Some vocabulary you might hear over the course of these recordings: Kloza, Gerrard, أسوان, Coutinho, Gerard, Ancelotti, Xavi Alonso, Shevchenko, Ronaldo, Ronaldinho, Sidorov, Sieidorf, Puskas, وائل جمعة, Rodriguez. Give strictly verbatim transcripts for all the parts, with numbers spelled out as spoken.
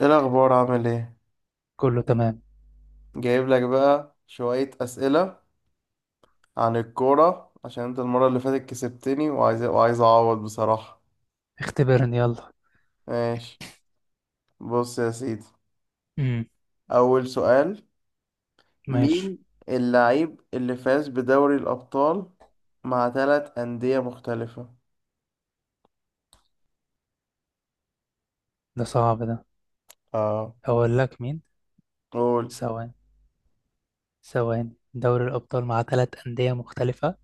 ايه الاخبار، عامل ايه؟ كله تمام. جايب لك بقى شوية اسئلة عن الكورة عشان انت المرة اللي فاتت كسبتني وعايز وعايز اعوض بصراحة. اختبرني يلا. ماشي، بص يا سيدي. امم اول سؤال، ماشي. مين اللعيب اللي فاز بدوري الابطال مع ثلاث اندية مختلفة؟ ده صعب ده. اه، اقول لك مين. قول. ثواني ثواني. دوري الابطال مع ثلاثة أندية مختلفه.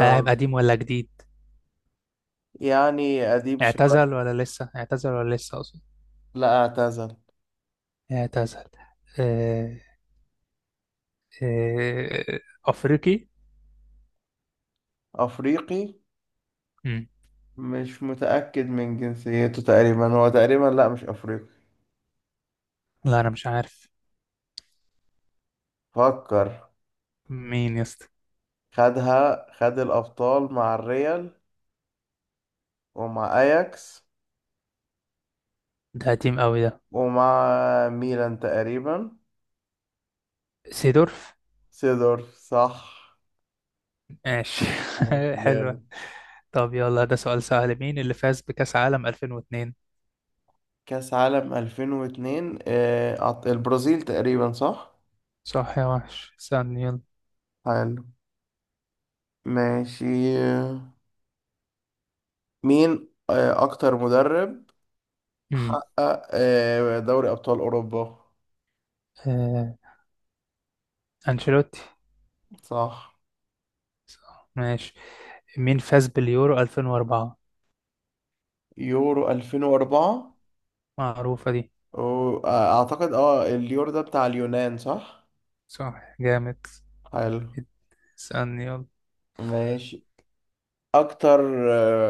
لاعب قديم ولا جديد؟ يعني قديم شوية. اعتزل ولا لسه اعتزل ولا لسه اقصد. لا، اعتزل. اعتزل. آه... آه... افريقي. افريقي. امم مش متأكد من جنسيته تقريبا، هو تقريبا لا، مش افريقي. لا، انا مش عارف. فكر. مين يا اسطى؟ خدها، خد الأبطال مع الريال، ومع أياكس، ده قديم قوي ده. ومع ميلان تقريبا. سيدورف. سيدورف، صح. ماشي. ماشي، حلوة. جامد. طب يلا، ده سؤال سهل. مين اللي فاز بكأس عالم ألفين واثنين؟ كأس عالم ألفين واتنين، آه، أعط- البرازيل تقريبا، صح. صح يا وحش، استنى يلا. حلو، ماشي. مين آه، أكتر مدرب مم. حقق آه، دوري أبطال أوروبا؟ آه، أنشيلوتي. صح. صح ماشي. مين فاز باليورو ألفين وأربعة؟ يورو ألفين وأربعة، معروفة دي. و- آه، أعتقد اه اليورو ده بتاع اليونان، صح. صح جامد. حلو، اسألني يلا. ماشي. اكتر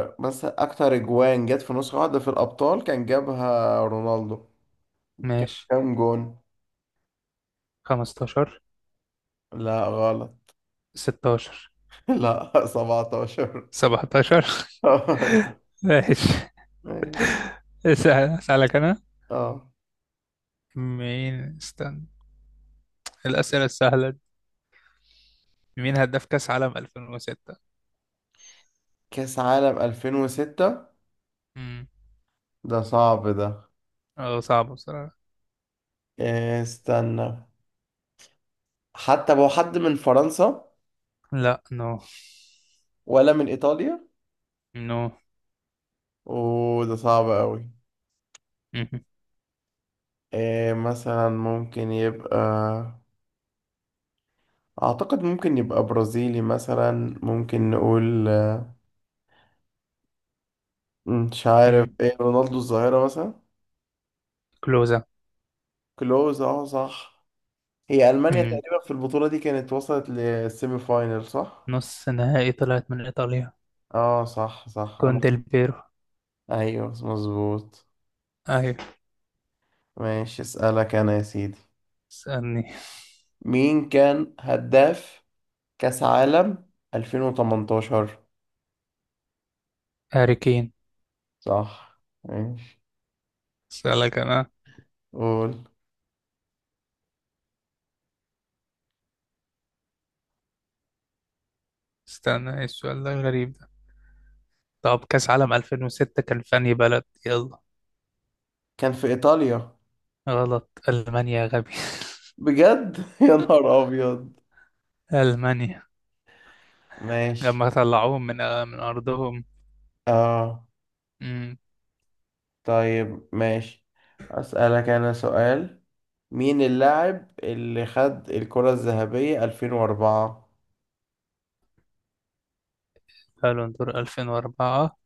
آه، مثلا اكتر اجوان جت في نسخة واحدة في الابطال كان جابها رونالدو، كان ماشي. كام جون؟ خمستاشر. لا، غلط. ستاشر. لا، سبعتاشر. سبعة عشر. ماشي. ماشي. اسأل- أسألك أنا. اه. مين، استنى. الأسئلة السهلة دي. مين هداف كأس عالم ألفين وستة؟ كاس عالم ألفين وستة، امم ده صعب ده. اه، صعب بصراحة. إيه، استنى. حتى هو حد من فرنسا لا نو. ولا من ايطاليا؟ نو. وده صعب قوي. مهم. إيه مثلا، ممكن يبقى اعتقد ممكن يبقى برازيلي مثلا، ممكن نقول مش عارف، مم. ايه رونالدو الظاهرة مثلا. كلوزا. كلوز، اه صح. هي ألمانيا مم. تقريبا في البطولة دي كانت وصلت للسيمي فاينل، صح؟ نص نهائي، طلعت من إيطاليا. اه صح، صح. انا كون اخت- ديل بيرو. ايوه مظبوط. ايوه. ماشي، اسألك انا يا سيدي. اسألني. مين كان هداف كأس عالم ألفين وتمنتاشر؟ هاري كين. صح، ماشي. اسألك أنا. قول. استنى، إيه السؤال ده غريب ده. طب كأس عالم ألفين وستة كان في أنهي بلد؟ يلا. كان في ايطاليا. غلط، ألمانيا يا غبي. بجد؟ يا نهار ابيض. ألمانيا. ماشي. لما طلعوهم من من أرضهم. اه. امم طيب ماشي. اسألك انا سؤال، مين اللاعب اللي خد الكرة الذهبية ألفين وأربعة؟ قالوا دور ألفين وأربعة.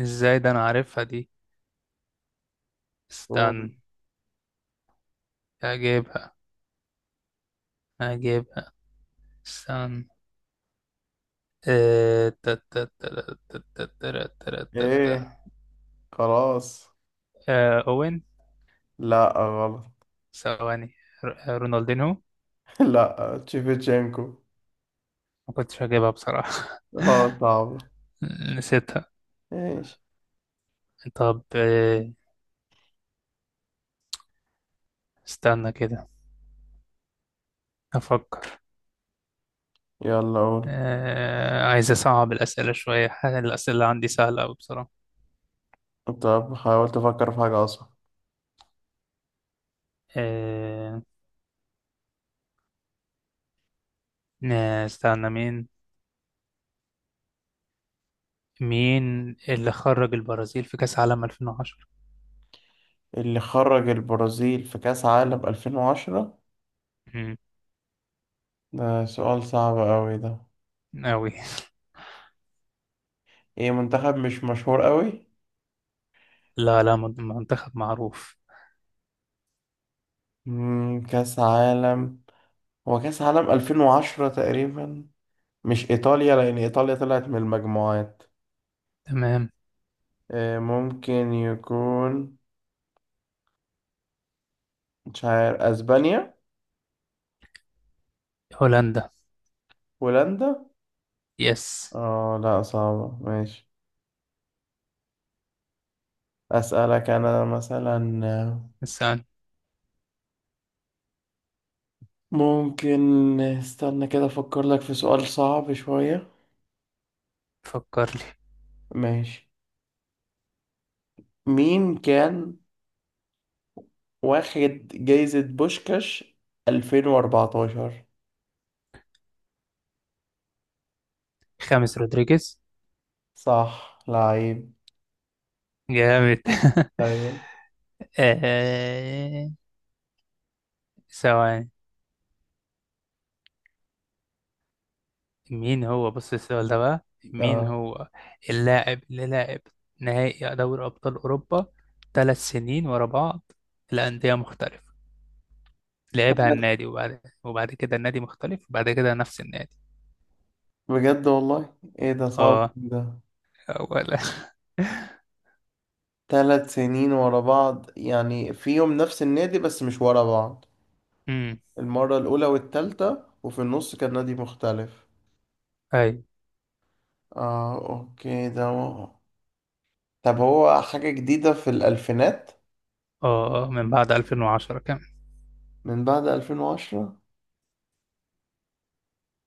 إزاي ده، أنا عارفها دي. قول. استنى. هجيبها هجيبها. استنى. آه، تا- تا- تا- تا- تا- تا- تا- تا- تا. ايه، خلاص. آه، أوين. لا، غلط. ثواني. ر- آه، رونالدينهو. لا، تشيفتشينكو. ما كنتش هجيبها بصراحة. اه، صعب. نسيتها. ايش؟ طب، آه، استنى كده، أفكر. يلا، قول. آه، عايز أصعب الأسئلة شوية. ح- الأسئلة اللي عندي سهلة أوي بصراحة. طب حاولت افكر في حاجة اصعب. آه، نا- استنى مين. مين اللي خرج البرازيل في كأس عالم ألفين وعشرة؟ اللي خرج البرازيل في كأس عالم ألفين وعشرة. مم، ده سؤال صعب قوي ده. أوي. ايه، منتخب مش مشهور قوي. لا لا، من- منتخب معروف. مم، كأس عالم، هو كأس عالم ألفين وعشرة تقريبا. مش ايطاليا، لان ايطاليا طلعت من المجموعات. تمام. آه، ممكن يكون، مش عارف، اسبانيا. هولندا. هولندا. يس. اه، لا صعبة، ماشي. اسألك انا مثلا آه، استنى، ممكن، استنى كده، افكر لك في سؤال صعب شوية. فكر لي. ماشي. مين كان واخد جايزة بوشكاش ألفين وأربعة عشر؟ خامس رودريجيز. صح، لعيب. جامد. طيب. آه، ثواني. مين هو، بص، السؤال ده بقى. مين اه، هو اللاعب اللي لعب نهائي دوري أبطال أوروبا ثلاث سنين ورا بعض لأندية مختلفة. لعبها النادي، وبعد وبعد كده النادي مختلف، وبعد كده نفس النادي. بجد والله، ايه ده صعب اه، ده. ولا... ثلاث سنين ورا بعض يعني، فيهم نفس النادي بس مش ورا بعض؟ امم المرة الأولى والتالتة، وفي النص كان نادي مختلف. اي. اه، اوكي، ده هو. طب هو حاجة جديدة في الألفينات، اه، آه، من بعد ألفين وعشرة كمان. من بعد ألفين وعشرة؟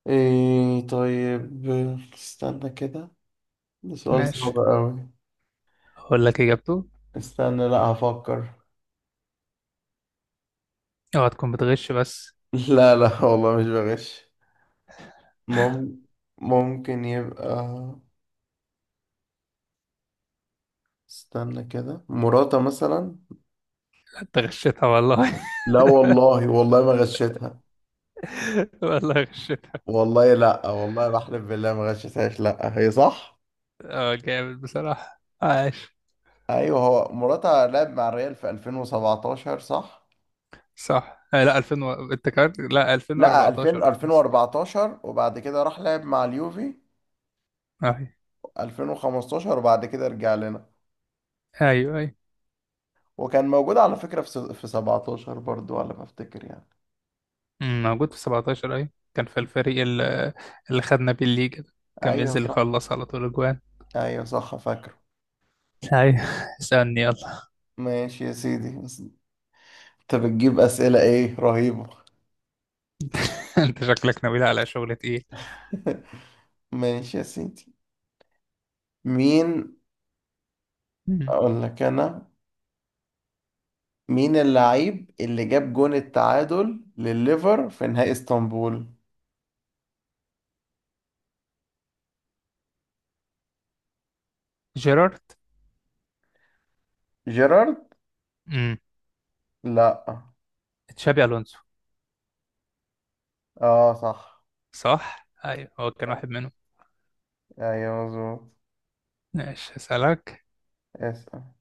ايه، طيب، استنى كده. ده سؤال ماشي، صعب أوي. اقول لك اجابته. استنى، لا هفكر. اوعى تكون بتغش بس. لا، لا والله مش بغش. مم... ممكن يبقى، استنى كده، مراته مثلا. انت غشيتها والله. لا والله، والله ما غشيتها. والله غشيتها. والله، لا والله، بحلف بالله ما غشيتهاش، لا هي صح. اه جامد بصراحة، عاش. ايوه، هو مراتها لعب مع الريال في ألفين وسبعتاشر، صح. صح. آه لا، ألفين و... انت كارت. لا لا، ألفين، ألفين وأربعتاشر مست- ألفين وأربعتاشر، وبعد كده راح لعب مع اليوفي اي. ألفين وخمسة عشر، وبعد كده رجع لنا. ايوه اي. وكان موجود على فكرة في س- في سبعة عشر برضو، على ما افتكر يعني. أمم، موجود في سبعة عشر. اي، كان في الفريق اللي, اللي خدنا بيه الليجا ده. كان ايوه بينزل اللي صح، يخلص على طول اجوان. ايوه صح، فاكره. ايوه. اسالني يلا. ماشي يا سيدي، بس انت بتجيب اسئلة ايه رهيبة! انت شكلك ناوي على شغل تقيل. ماشي يا سيدي. مين، مم. اقول لك انا، مين اللعيب اللي جاب جون التعادل لليفر في نهائي اسطنبول؟ جيرارد. جيرارد، مم. لا. تشابي الونسو. اه صح، صح، ايوه، هو كان واحد منهم. ايوه مظبوط. ماشي، اسالك. اسأل.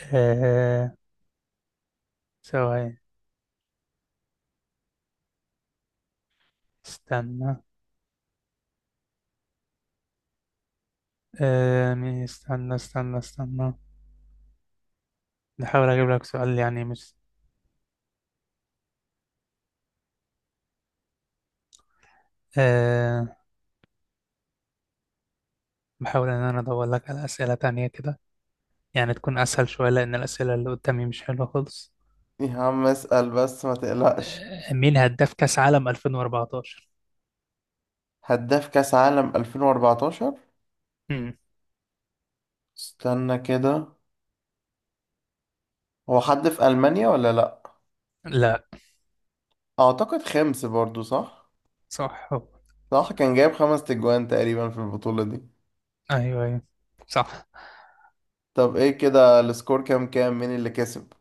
آه... ثواني. استنى. آه... مين- استنى استنى استنى. نحاول اجيب لك سؤال، يعني مش... آه... بحاول إن أنا أدور لك على أسئلة تانية كده، يعني تكون أسهل شوية، لأن الأسئلة اللي قدامي مش حلوة خالص. يا عم اسأل بس، ما تقلقش. آه، مين هداف كأس عالم ألفين وأربعة عشر؟ هداف كأس عالم ألفين وأربعتاشر. مم. استنى كده، هو حد في ألمانيا ولا لا؟ لا. اعتقد خمس برضو، صح. صح هو. صح، كان جايب خمس تجوان تقريبا في البطولة دي. أيوه أيوه. صح. طب ايه كده، السكور كام كام مين اللي كسب؟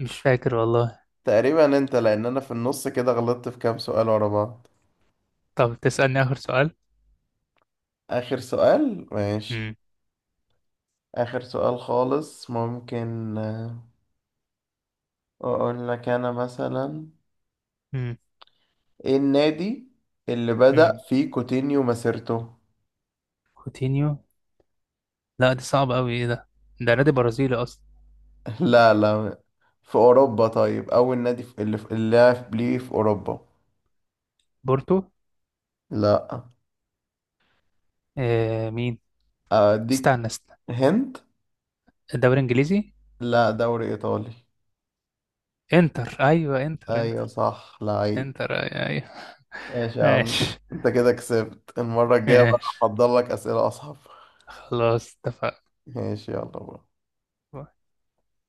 مش فاكر والله. تقريبا انت، لان انا في النص كده غلطت في كام سؤال ورا بعض. طب تسألني آخر سؤال؟ آخر سؤال؟ ماشي. مم. آخر سؤال خالص، ممكن آه، أقول لك أنا مثلا، مم. إيه النادي اللي بدأ مم. فيه كوتينيو مسيرته؟ كوتينيو. لا دي صعبة أوي، إيه ده؟ ده نادي برازيلي أصلا. لا، لا في أوروبا، طيب أول نادي في- اللي في- اللي لعب ليه في أوروبا. بورتو. لا. آه، مين؟ أديك استنى استنى. هند. الدوري الإنجليزي؟ لا، دوري إيطالي. انتر. أيوه، انتر أيوة انتر. صح، لعيب. انتر أيوه أيوه. ماشي يا عم. ماشي. أنت كده كسبت. المرة الجاية بقى ماشي، هحضر لك أسئلة أصعب. خلاص اتفقنا. ماشي، يلا بقى.